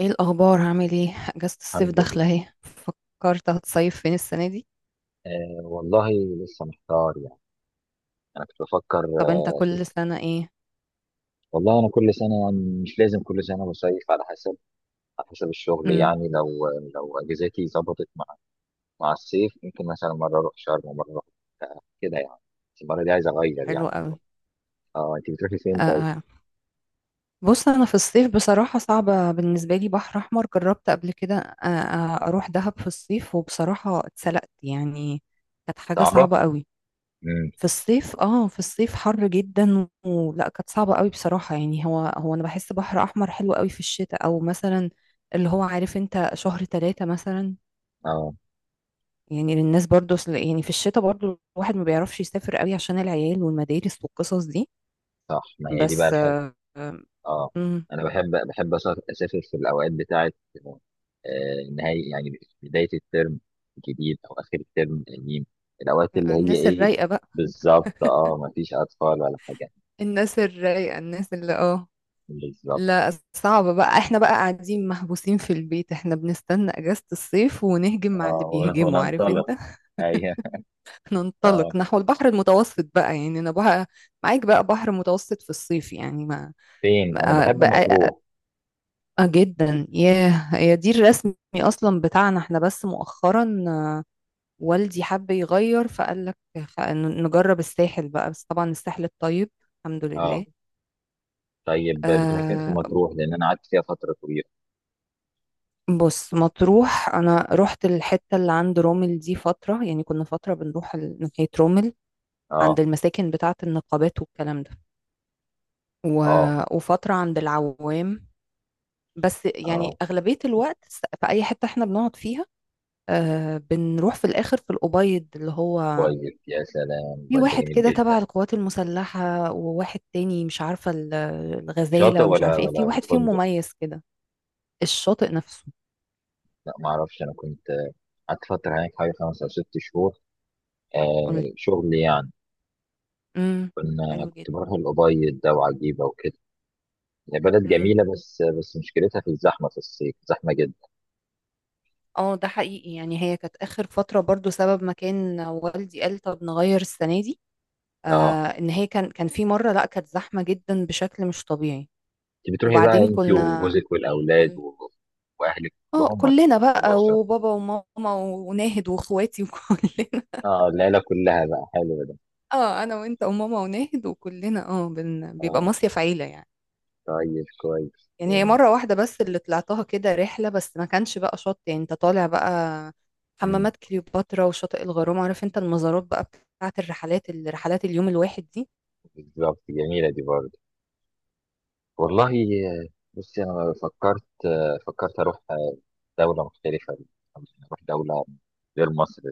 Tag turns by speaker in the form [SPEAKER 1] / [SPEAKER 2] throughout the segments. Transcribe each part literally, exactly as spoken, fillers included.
[SPEAKER 1] ايه الاخبار؟ هعمل ايه؟ اجازة الصيف
[SPEAKER 2] الحمد
[SPEAKER 1] داخلة
[SPEAKER 2] لله.
[SPEAKER 1] اهي، فكرت هتصيف فين السنة دي؟
[SPEAKER 2] آه والله. لسه محتار يعني. انا كنت بفكر
[SPEAKER 1] طب انت
[SPEAKER 2] آه،
[SPEAKER 1] كل
[SPEAKER 2] اشوف.
[SPEAKER 1] سنة ايه؟
[SPEAKER 2] والله انا كل سنه يعني مش لازم كل سنه بصيف، على حسب. على حسب الشغل
[SPEAKER 1] امم.
[SPEAKER 2] يعني لو لو اجازاتي ظبطت مع مع الصيف، ممكن مثلا مره اروح شرم ومره اروح آه، كده يعني. بس المره دي عايز اغير
[SPEAKER 1] حلو
[SPEAKER 2] يعني
[SPEAKER 1] قوي.
[SPEAKER 2] شويه. اه، انت بتروحي فين طيب؟
[SPEAKER 1] آه، بص. انا في الصيف بصراحة صعبة بالنسبة لي، بحر احمر جربت قبل كده، آه آه، اروح دهب في الصيف وبصراحة اتسلقت يعني. كانت حاجة
[SPEAKER 2] صعبه.
[SPEAKER 1] صعبة قوي.
[SPEAKER 2] امم.
[SPEAKER 1] في الصيف اه في الصيف حر جدا ولا كانت صعبة قوي؟ بصراحة يعني، هو هو انا بحس بحر احمر حلو قوي في الشتاء، او مثلا اللي هو، عارف انت، شهر ثلاثة مثلا.
[SPEAKER 2] اه،
[SPEAKER 1] يعني للناس برضو، أصل- يعني في الشتاء برضو الواحد ما بيعرفش يسافر قوي عشان العيال والمدارس والقصص دي
[SPEAKER 2] صح، ما هي دي بقى.
[SPEAKER 1] بس. آه، آه،
[SPEAKER 2] اه،
[SPEAKER 1] مم،
[SPEAKER 2] انا بحب بحب أسا- اسافر في الاوقات بتاعه آه، نهاية يعني بدايه الترم الجديد او اخر الترم القديم. الاوقات اللي هي
[SPEAKER 1] الناس
[SPEAKER 2] ايه؟
[SPEAKER 1] الرايقة بقى.
[SPEAKER 2] بالظبط، اه، ما فيش اطفال ولا حاجه.
[SPEAKER 1] الناس الرايقة الناس اللي اه
[SPEAKER 2] بالظبط.
[SPEAKER 1] لا، صعبة بقى، احنا بقى قاعدين محبوسين في البيت، احنا بنستنى اجازة الصيف ونهجم مع اللي
[SPEAKER 2] اه، ون-
[SPEAKER 1] بيهجموا، عارف انت.
[SPEAKER 2] وننطلق. ايوه. اه،
[SPEAKER 1] ننطلق نحو البحر المتوسط بقى، يعني انا بقى معاك، بقى بحر متوسط في الصيف، يعني ما
[SPEAKER 2] فين؟ انا
[SPEAKER 1] بقى,
[SPEAKER 2] بحب
[SPEAKER 1] بقى
[SPEAKER 2] مطروح.
[SPEAKER 1] اه جدا! ياه، هي دي الرسمي اصلا بتاعنا احنا، بس مؤخرا آه، والدي حب يغير فقال لك خ- ن- نجرب الساحل بقى، بس طبعا الساحل الطيب. الحمد
[SPEAKER 2] اه،
[SPEAKER 1] لله.
[SPEAKER 2] طيب، بتروح فين في
[SPEAKER 1] آه،
[SPEAKER 2] مطروح؟ لان انا قعدت فيها فتره طويله.
[SPEAKER 1] بص. مطروح انا رحت الحتة اللي عند رومل دي فترة، يعني كنا فترة بنروح ال- ناحية رومل،
[SPEAKER 2] اه.
[SPEAKER 1] عند المساكن بتاعة النقابات والكلام ده. و...
[SPEAKER 2] اه.
[SPEAKER 1] وفترة عند العوام. بس يعني
[SPEAKER 2] اه،
[SPEAKER 1] أغلبية الوقت، س- في أي حتة احنا بنقعد فيها، آه بنروح في الآخر في الأبيض اللي هو،
[SPEAKER 2] كويس، يا سلام،
[SPEAKER 1] في
[SPEAKER 2] بجد
[SPEAKER 1] واحد
[SPEAKER 2] جميل
[SPEAKER 1] كده
[SPEAKER 2] جدا.
[SPEAKER 1] تبع القوات المسلحة، وواحد تاني مش عارفة ال-
[SPEAKER 2] شاطئ
[SPEAKER 1] الغزالة، ومش
[SPEAKER 2] ولا
[SPEAKER 1] عارفة ايه،
[SPEAKER 2] ولا
[SPEAKER 1] في
[SPEAKER 2] ولا
[SPEAKER 1] واحد فيهم
[SPEAKER 2] فندق؟
[SPEAKER 1] مميز كده. الشاطئ نفسه.
[SPEAKER 2] لا، ما اعرفش. انا كنت قعدت فتره هناك حوالي خمس او ست شهور.
[SPEAKER 1] قولي.
[SPEAKER 2] آه، شغل يعني.
[SPEAKER 1] امم.
[SPEAKER 2] كنا
[SPEAKER 1] حلو
[SPEAKER 2] كنت
[SPEAKER 1] جدا.
[SPEAKER 2] بروح الأبيض ده وعجيبه وكده. بلد
[SPEAKER 1] امم.
[SPEAKER 2] جميله، بس بس مشكلتها في الزحمه، في الصيف زحمه جدا.
[SPEAKER 1] اه، ده حقيقي يعني، هي كانت آخر فترة برضو سبب ما كان والدي قال طب نغير السنة دي. آه،
[SPEAKER 2] اه،
[SPEAKER 1] ان هي كان كان في مرة، لا، كانت زحمة جدا بشكل مش طبيعي.
[SPEAKER 2] انت بتروحي بقى
[SPEAKER 1] وبعدين
[SPEAKER 2] انت
[SPEAKER 1] كنا.
[SPEAKER 2] وجوزك والاولاد
[SPEAKER 1] قولي.
[SPEAKER 2] و... واهلك
[SPEAKER 1] اه،
[SPEAKER 2] كلهم، ولا؟
[SPEAKER 1] كلنا
[SPEAKER 2] بتروحي
[SPEAKER 1] بقى،
[SPEAKER 2] الاسره؟
[SPEAKER 1] وبابا وماما وناهد واخواتي وكلنا.
[SPEAKER 2] اه، العيله كلها بقى. حلو ده.
[SPEAKER 1] اه، انا وانت وماما وناهد وكلنا، اه، بن... بيبقى
[SPEAKER 2] اه،
[SPEAKER 1] مصيف عيله يعني.
[SPEAKER 2] طيب، كويس
[SPEAKER 1] يعني هي
[SPEAKER 2] جميل.
[SPEAKER 1] مره واحده بس اللي طلعتها كده رحله، بس ما كانش بقى شط يعني، انت طالع بقى
[SPEAKER 2] مم.
[SPEAKER 1] حمامات كليوباترا وشاطئ الغرام، عارف انت، المزارات بقى، بتاعت الرحلات الرحلات اليوم الواحد دي.
[SPEAKER 2] بالظبط، جميله دي برضه. والله. آه، بصي، انا فكرت آه، فكرت اروح دولة مختلفة، أو نروح دولة غير مصر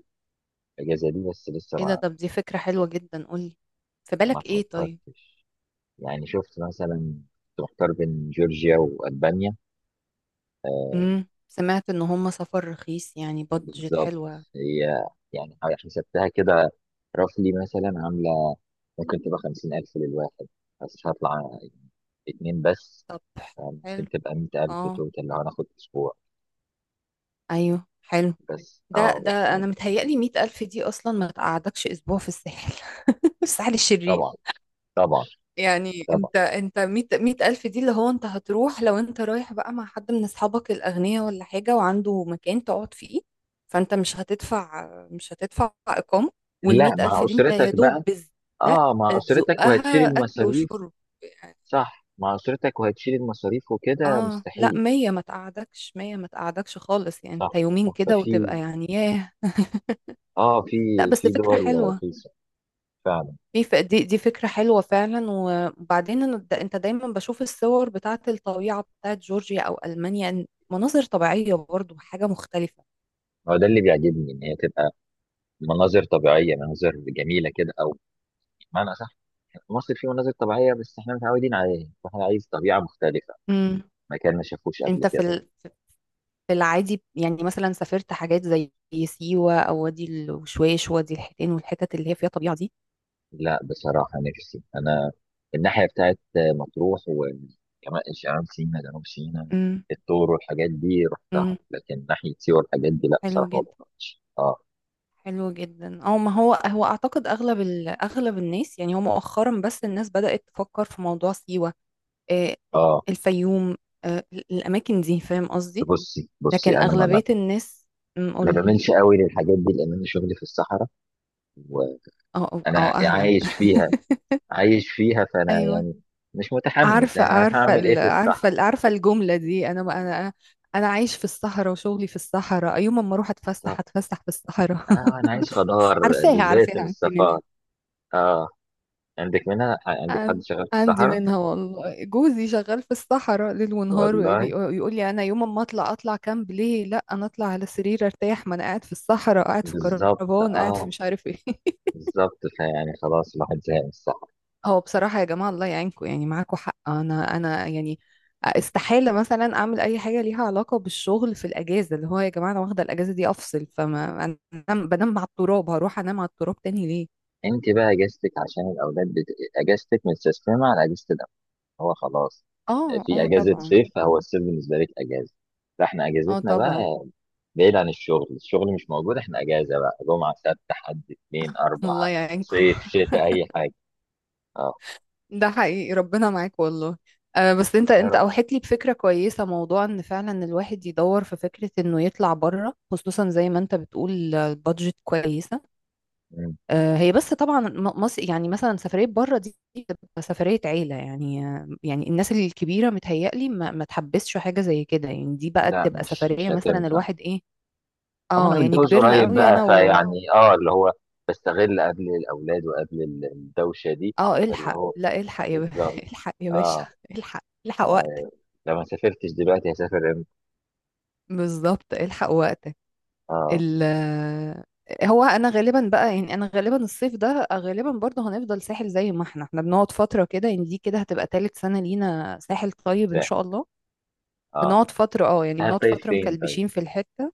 [SPEAKER 2] الأجازة دي. بس لسه
[SPEAKER 1] ايه ده؟
[SPEAKER 2] ما
[SPEAKER 1] طب دي فكره حلوه جدا. قولي، في
[SPEAKER 2] ما
[SPEAKER 1] بالك ايه طيب؟
[SPEAKER 2] فكرتش يعني. شفت مثلا، كنت محتار بين جورجيا وألبانيا. آه،
[SPEAKER 1] امم سمعت ان هم سفر رخيص يعني، بادجت
[SPEAKER 2] بالظبط.
[SPEAKER 1] حلوه.
[SPEAKER 2] هي يعني حسبتها كده، رفلي مثلا عاملة ممكن تبقى خمسين ألف للواحد، بس هطلع اتنين بس.
[SPEAKER 1] طب،
[SPEAKER 2] آه،
[SPEAKER 1] حلو.
[SPEAKER 2] ممكن تبقى مية ألف
[SPEAKER 1] اه.
[SPEAKER 2] توتال لو هناخد أسبوع.
[SPEAKER 1] ايوه، حلو.
[SPEAKER 2] بس
[SPEAKER 1] ده
[SPEAKER 2] اه بس
[SPEAKER 1] ده انا
[SPEAKER 2] يعني،
[SPEAKER 1] متهيألي مية ألف دي اصلا ما تقعدكش اسبوع في الساحل، الساحل الشرير.
[SPEAKER 2] طبعا، طبعا،
[SPEAKER 1] يعني
[SPEAKER 2] طبعا.
[SPEAKER 1] انت انت مية مية ألف دي اللي هو، انت هتروح لو انت رايح بقى مع حد من أصحابك الأغنياء ولا حاجة وعنده مكان تقعد فيه، فانت مش هتدفع مش هتدفع إقامة. والمية
[SPEAKER 2] لا، مع
[SPEAKER 1] ألف دي انت يا
[SPEAKER 2] أسرتك
[SPEAKER 1] دوب
[SPEAKER 2] بقى.
[SPEAKER 1] بالزق
[SPEAKER 2] اه، مع أسرتك وهتشيل
[SPEAKER 1] تزقها أكل
[SPEAKER 2] المصاريف.
[SPEAKER 1] وشرب يعني.
[SPEAKER 2] صح، مع أسرتك وهتشيل المصاريف وكده
[SPEAKER 1] اه، لا،
[SPEAKER 2] مستحيل.
[SPEAKER 1] مية ما تقعدكش مية ما تقعدكش خالص يعني،
[SPEAKER 2] صح.
[SPEAKER 1] انت يومين
[SPEAKER 2] صح.
[SPEAKER 1] كده
[SPEAKER 2] ففي
[SPEAKER 1] وتبقى يعني، ياه.
[SPEAKER 2] اه في
[SPEAKER 1] لا بس
[SPEAKER 2] في
[SPEAKER 1] فكرة
[SPEAKER 2] دول
[SPEAKER 1] حلوة،
[SPEAKER 2] رخيصة فعلا.
[SPEAKER 1] دي ف- دي دي فكرة حلوة فعلا. وبعدين أنا د- انت دايما بشوف الصور بتاعت الطبيعة بتاعت جورجيا او المانيا، إن مناظر طبيعية برضو حاجة مختلفة.
[SPEAKER 2] هو ده اللي بيعجبني، ان هي تبقى مناظر طبيعية، مناظر جميلة كده، او بمعنى صح. مصر فيه مناظر طبيعية، بس احنا متعودين عليها واحنا عايز طبيعة مختلفة.
[SPEAKER 1] امم.
[SPEAKER 2] مكان ما شافوش قبل
[SPEAKER 1] انت في
[SPEAKER 2] كده.
[SPEAKER 1] ال- في العادي يعني، مثلا سافرت حاجات زي سيوة او وادي الوشواش، وادي الحيتان، والحتت اللي هي فيها طبيعة دي؟
[SPEAKER 2] لا، بصراحة نفسي انا، الناحية بتاعت مطروح وكمان شمال سينا، جنوب سينا،
[SPEAKER 1] امم.
[SPEAKER 2] الطور والحاجات دي رحتها.
[SPEAKER 1] امم،
[SPEAKER 2] لكن ناحية سيوة والحاجات دي، لا
[SPEAKER 1] حلو
[SPEAKER 2] بصراحة ما
[SPEAKER 1] جدا.
[SPEAKER 2] رحتهاش. اه.
[SPEAKER 1] حلو جدا. او ما هو هو اعتقد اغلب ال- اغلب الناس يعني، هو مؤخرا بس الناس بدأت تفكر في موضوع سيوة، آه،
[SPEAKER 2] اه،
[SPEAKER 1] الفيوم، آه، الأماكن دي، فاهم
[SPEAKER 2] بس
[SPEAKER 1] قصدي.
[SPEAKER 2] بصي
[SPEAKER 1] لكن
[SPEAKER 2] بصي انا ما ما
[SPEAKER 1] أغلبية الناس، أم،
[SPEAKER 2] ما
[SPEAKER 1] قولي.
[SPEAKER 2] بعملش قوي للحاجات دي لان انا شغلي في الصحراء وانا
[SPEAKER 1] أو أو أو أهلا.
[SPEAKER 2] عايش فيها. عايش فيها، فانا
[SPEAKER 1] أيوة.
[SPEAKER 2] يعني مش متحمس.
[SPEAKER 1] عارفة
[SPEAKER 2] انا هروح
[SPEAKER 1] عارفة
[SPEAKER 2] اعمل ايه
[SPEAKER 1] ال-
[SPEAKER 2] في
[SPEAKER 1] عارفة
[SPEAKER 2] الصحراء؟
[SPEAKER 1] ال- عارفة الجملة دي. أنا أنا أنا عايش في الصحراء وشغلي في الصحراء، يوم ما أروح أتفسح
[SPEAKER 2] بالظبط.
[SPEAKER 1] أتفسح في الصحراء.
[SPEAKER 2] اه، انا عايز خضار.
[SPEAKER 1] عارفاها
[SPEAKER 2] زيت من
[SPEAKER 1] عارفاها أنت منها.
[SPEAKER 2] الصفار. اه، عندك منها؟ عندك حد
[SPEAKER 1] عن-
[SPEAKER 2] شغال في
[SPEAKER 1] عندي
[SPEAKER 2] الصحراء؟
[SPEAKER 1] منها والله، جوزي شغال في الصحراء ليل ونهار،
[SPEAKER 2] والله.
[SPEAKER 1] ويقول لي: انا يوم ما اطلع، اطلع كامب ليه؟ لا، انا اطلع على سرير ارتاح، ما انا قاعد في الصحراء، قاعد في
[SPEAKER 2] بالظبط.
[SPEAKER 1] كربان، قاعد في
[SPEAKER 2] اه،
[SPEAKER 1] مش عارف ايه.
[SPEAKER 2] بالظبط. فيعني خلاص، الواحد زهق من الصحراء.
[SPEAKER 1] هو بصراحة يا جماعة، الله يعينكم، يعني معاكم حق، انا انا يعني استحالة مثلا اعمل اي حاجة ليها علاقة بالشغل في الاجازة، اللي هو يا جماعة انا واخدة الاجازة دي افصل، فما انا بنام على التراب هروح انام على التراب تاني ليه؟
[SPEAKER 2] انت بقى اجازتك عشان الاولاد بت... اجازتك متسيستمه على اجازه. هو خلاص
[SPEAKER 1] اه،
[SPEAKER 2] في
[SPEAKER 1] اه،
[SPEAKER 2] اجازه
[SPEAKER 1] طبعا.
[SPEAKER 2] صيف، هو الصيف بالنسبه لك اجازه. فاحنا
[SPEAKER 1] اه،
[SPEAKER 2] اجازتنا
[SPEAKER 1] طبعا.
[SPEAKER 2] بقى بعيد عن الشغل، الشغل مش موجود. احنا اجازه بقى جمعه، سبت، حد، اثنين، اربعه،
[SPEAKER 1] الله يعينكم.
[SPEAKER 2] صيف، شتاء، اي حاجه. اه.
[SPEAKER 1] ده حقيقي، ربنا معاك والله. أه، بس انت
[SPEAKER 2] يا
[SPEAKER 1] انت
[SPEAKER 2] رب.
[SPEAKER 1] اوحيت لي بفكره كويسه، موضوع ان فعلا الواحد يدور في فكره انه يطلع بره، خصوصا زي ما انت بتقول، آه، البادجت كويصه.
[SPEAKER 2] مم.
[SPEAKER 1] أه، هي بس طبعا م- مصر، يعني مثلا سفريه بره دي بتبقى سفريه عيله يعني، آه، يعني الناس الكبيره متهيألي ما, ما تحبسش حاجه زي كده يعني، دي بقى
[SPEAKER 2] لا،
[SPEAKER 1] تبقى
[SPEAKER 2] مش مش
[SPEAKER 1] سفريه مثلا
[SPEAKER 2] هتنفع.
[SPEAKER 1] الواحد ايه.
[SPEAKER 2] أما انا
[SPEAKER 1] اه يعني
[SPEAKER 2] متجوز
[SPEAKER 1] كبرنا
[SPEAKER 2] قريب
[SPEAKER 1] قوي،
[SPEAKER 2] بقى،
[SPEAKER 1] انا و...
[SPEAKER 2] فيعني اه اللي هو بستغل قبل الاولاد وقبل ال- الدوشه دي.
[SPEAKER 1] اه،
[SPEAKER 2] اللي
[SPEAKER 1] الحق،
[SPEAKER 2] هو
[SPEAKER 1] لا الحق يا ب...
[SPEAKER 2] بالظبط.
[SPEAKER 1] الحق يا باشا.
[SPEAKER 2] اه،
[SPEAKER 1] الحق الحق وقتك.
[SPEAKER 2] لو ما سافرتش دلوقتي هسافر امتى؟
[SPEAKER 1] بالظبط، الحق وقتك.
[SPEAKER 2] اه،
[SPEAKER 1] ال هو انا غالبا بقى، يعني انا غالبا الصيف ده غالبا برضه هنفضل ساحل، زي ما احنا احنا بنقعد فتره كده، يعني دي كده هتبقى تالت سنه لينا ساحل طيب ان
[SPEAKER 2] سهل.
[SPEAKER 1] شاء الله.
[SPEAKER 2] اه،
[SPEAKER 1] بنقعد فتره، اه يعني بنقعد
[SPEAKER 2] هتطيب
[SPEAKER 1] فتره
[SPEAKER 2] فين طيب؟
[SPEAKER 1] مكلبشين في الحته.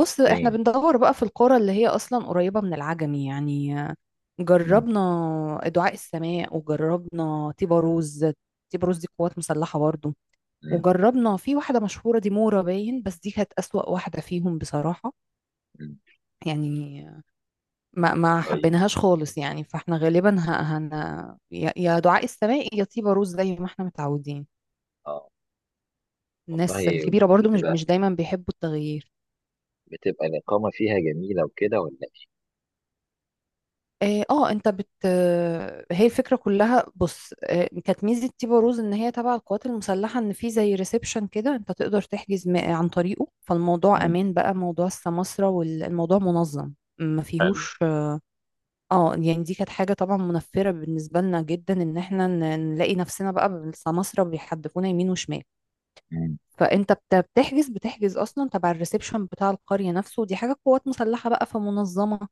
[SPEAKER 1] بص، احنا
[SPEAKER 2] فين؟
[SPEAKER 1] بندور بقى في القرى اللي هي اصلا قريبه من العجمي يعني. جربنا دعاء السماء، وجربنا تيباروز. تيباروز دي قوات مسلحه برضه.
[SPEAKER 2] مم.
[SPEAKER 1] وجربنا في واحده مشهوره دي، مورا باين، بس دي كانت اسوأ واحده فيهم بصراحه.
[SPEAKER 2] مم.
[SPEAKER 1] يعني ما ما
[SPEAKER 2] طيب،
[SPEAKER 1] حبيناهاش خالص يعني، فاحنا غالبا ه- هن يا يا دعاء السماء يا طيبة روز، زي ما احنا متعودين.
[SPEAKER 2] اه،
[SPEAKER 1] الناس
[SPEAKER 2] والله
[SPEAKER 1] الكبيرة برضو مش
[SPEAKER 2] بتبقى
[SPEAKER 1] مش دايما بيحبوا التغيير.
[SPEAKER 2] بتبقى الإقامة فيها جميلة وكده، ولا
[SPEAKER 1] اه، آه، انت بت آه، هي الفكرة كلها. بص، آه، كانت ميزة طيبة روز ان هي تبع القوات المسلحة، ان في زي ريسبشن كده انت تقدر تحجز م- عن طريقه، فالموضوع
[SPEAKER 2] إيه؟ مم.
[SPEAKER 1] امان بقى، موضوع السماسرة، والموضوع منظم، ما
[SPEAKER 2] حلو.
[SPEAKER 1] فيهوش. اه، يعني دي كانت حاجة طبعا منفرة بالنسبة لنا جدا، ان احنا ن- نلاقي نفسنا بقى بالسماسرة بيحدفونا يمين وشمال.
[SPEAKER 2] مم.
[SPEAKER 1] فانت بت- بتحجز بتحجز اصلا تبع الريسبشن بتاع القرية نفسه، ودي حاجة قوات مسلحة بقى، في منظمة.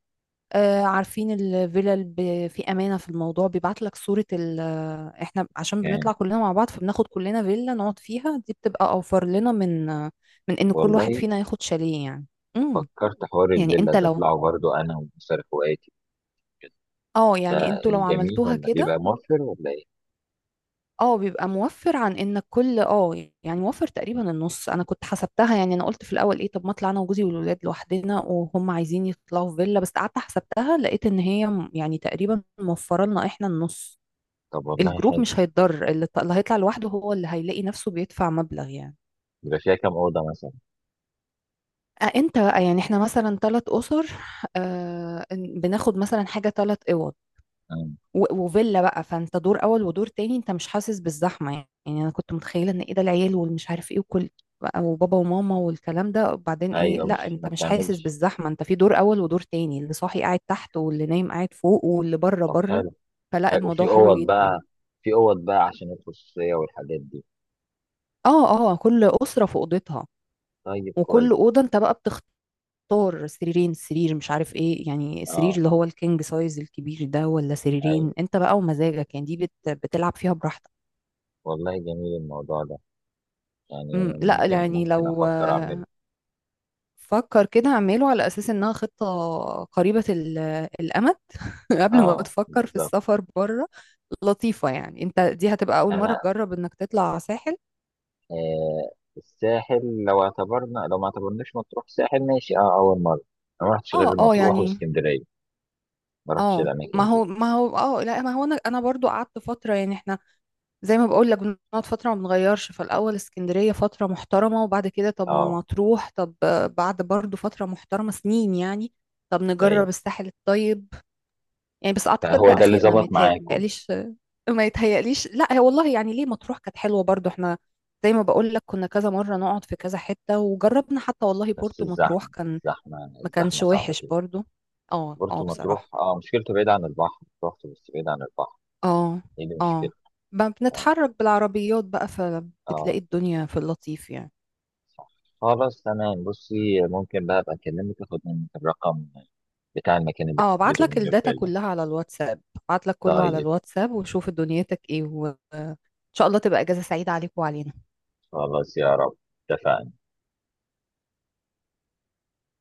[SPEAKER 1] آه، عارفين الفلل ب- في امانة في الموضوع، بيبعت لك صورة ال آه، احنا عشان
[SPEAKER 2] كان
[SPEAKER 1] بنطلع كلنا مع بعض فبناخد كلنا فيلا نقعد فيها، دي بتبقى اوفر لنا من آه، من ان كل
[SPEAKER 2] والله
[SPEAKER 1] واحد فينا ياخد شاليه يعني. امم.
[SPEAKER 2] فكرت حوار
[SPEAKER 1] يعني
[SPEAKER 2] الفيلا
[SPEAKER 1] انت
[SPEAKER 2] ده
[SPEAKER 1] لو،
[SPEAKER 2] أطلعه برضو أنا وأسر إخواتي.
[SPEAKER 1] اه يعني
[SPEAKER 2] ده
[SPEAKER 1] انتوا لو
[SPEAKER 2] إيه، جميل
[SPEAKER 1] عملتوها
[SPEAKER 2] ولا
[SPEAKER 1] كده،
[SPEAKER 2] بيبقى موفر ولا إيه؟
[SPEAKER 1] اه بيبقى موفر عن انك كل، اه يعني موفر تقريبا النص. انا كنت حسبتها، يعني انا قلت في الاول: ايه، طب ما اطلع انا وجوزي والولاد لوحدنا، وهم عايزين يطلعوا في فيلا، بس قعدت حسبتها لقيت ان هي م- يعني تقريبا موفره لنا احنا النص.
[SPEAKER 2] طب والله
[SPEAKER 1] الجروب
[SPEAKER 2] حلو.
[SPEAKER 1] مش هيتضر، اللي ط- اللي هيطلع لوحده هو اللي هيلاقي نفسه بيدفع مبلغ يعني.
[SPEAKER 2] بيبقى فيها كام أوضة مثلا؟
[SPEAKER 1] أه، انت يعني احنا مثلا ثلاث اسر، آه، بناخد مثلا حاجه ثلاث،
[SPEAKER 2] مم.
[SPEAKER 1] و- وفيلا بقى، فانت دور اول ودور تاني، انت مش حاسس بالزحمه يعني. يعني انا كنت متخيله ان ايه، ده العيال والمش عارف ايه، وكل بقى، وبابا وماما والكلام ده، وبعدين ايه،
[SPEAKER 2] أيوه،
[SPEAKER 1] لا،
[SPEAKER 2] مش
[SPEAKER 1] انت
[SPEAKER 2] ما
[SPEAKER 1] مش حاسس
[SPEAKER 2] بتعملش.
[SPEAKER 1] بالزحمه، انت في دور اول ودور تاني، اللي صاحي قاعد تحت، واللي نايم قاعد فوق، واللي بره
[SPEAKER 2] طب
[SPEAKER 1] بره.
[SPEAKER 2] حلو.
[SPEAKER 1] فلا،
[SPEAKER 2] حلو.
[SPEAKER 1] الموضوع
[SPEAKER 2] وفي
[SPEAKER 1] حلو
[SPEAKER 2] أوض
[SPEAKER 1] جدا.
[SPEAKER 2] بقى في أوض بقى عشان الخصوصية والحاجات دي.
[SPEAKER 1] اه، اه، كل اسره في اوضتها،
[SPEAKER 2] طيب،
[SPEAKER 1] وكل
[SPEAKER 2] كويس.
[SPEAKER 1] اوضه انت بقى بتختار سريرين سرير مش عارف ايه، يعني
[SPEAKER 2] اه،
[SPEAKER 1] السرير اللي هو الكينج سايز الكبير ده، ولا
[SPEAKER 2] ايوه،
[SPEAKER 1] سريرين، انت بقى ومزاجك، يعني دي بت... بتلعب فيها براحتك.
[SPEAKER 2] والله جميل الموضوع ده يعني.
[SPEAKER 1] مم، لا
[SPEAKER 2] ممكن
[SPEAKER 1] يعني
[SPEAKER 2] ممكن
[SPEAKER 1] لو
[SPEAKER 2] افكر
[SPEAKER 1] آه،
[SPEAKER 2] اعمله.
[SPEAKER 1] فكر كده اعمله على اساس انها خطة قريبة ال- الامد، قبل ما
[SPEAKER 2] اه،
[SPEAKER 1] تفكر في
[SPEAKER 2] بالظبط.
[SPEAKER 1] السفر بره. لطيفة يعني، انت دي هتبقى اول مرة
[SPEAKER 2] انا
[SPEAKER 1] تجرب انك تطلع ساحل.
[SPEAKER 2] آه، الساحل لو اعتبرنا، لو ما اعتبرناش مطروح ساحل ماشي، اه اول مره. انا ما رحتش غير
[SPEAKER 1] اه، اه
[SPEAKER 2] مطروح
[SPEAKER 1] يعني،
[SPEAKER 2] واسكندريه. ما رحتش
[SPEAKER 1] اه، ما
[SPEAKER 2] الاماكن دي.
[SPEAKER 1] هو، ما هو، اه لا، ما هو انا انا برضو قعدت فترة، يعني احنا زي ما بقول لك بنقعد فترة ما بنغيرش، فالاول اسكندرية فترة محترمة، وبعد كده طب ما
[SPEAKER 2] اه.
[SPEAKER 1] مطروح، طب آه، بعد برضو فترة محترمة سنين يعني، طب نجرب
[SPEAKER 2] ايوه.
[SPEAKER 1] الساحل الطيب. يعني بس اعتقد ده
[SPEAKER 2] فهو ده اللي
[SPEAKER 1] اخرنا ما
[SPEAKER 2] ظبط معاكم.
[SPEAKER 1] يتهيأليش. ما يتهيأليش، لا هي والله يعني ليه، مطروح كانت حلوه برضو، احنا زي ما بقول لك كنا كذا مره نقعد في كذا حته، وجربنا حتى والله
[SPEAKER 2] بس
[SPEAKER 1] بورتو مطروح
[SPEAKER 2] الزحمه
[SPEAKER 1] كان
[SPEAKER 2] الزحمه
[SPEAKER 1] ما كانش
[SPEAKER 2] الزحمه صعبه
[SPEAKER 1] وحش
[SPEAKER 2] كده.
[SPEAKER 1] برضو. اه، اه،
[SPEAKER 2] برضه
[SPEAKER 1] بصراحه،
[SPEAKER 2] مطروح اه مشكلته بعيد عن البحر. رحت بس بعيد عن البحر.
[SPEAKER 1] اه،
[SPEAKER 2] ايه اللي
[SPEAKER 1] اه،
[SPEAKER 2] مشكلته.
[SPEAKER 1] ب-
[SPEAKER 2] اه.
[SPEAKER 1] بنتحرك بالعربيات بقى، فبتلاقي
[SPEAKER 2] آه،
[SPEAKER 1] الدنيا في اللطيف يعني.
[SPEAKER 2] صح. خلاص، تمام. بصي، ممكن بقى ابقى اكلمك، اخد منك الرقم بتاع المكان اللي
[SPEAKER 1] اه، ابعت
[SPEAKER 2] بتحجزه
[SPEAKER 1] لك
[SPEAKER 2] منه
[SPEAKER 1] الداتا
[SPEAKER 2] الفيلا.
[SPEAKER 1] كلها على الواتساب، ابعت لك كله على
[SPEAKER 2] طيب.
[SPEAKER 1] الواتساب، وشوف دنيتك ايه، وان شاء الله تبقى اجازه سعيده عليك وعلينا.
[SPEAKER 2] خلاص، يا رب، اتفقنا.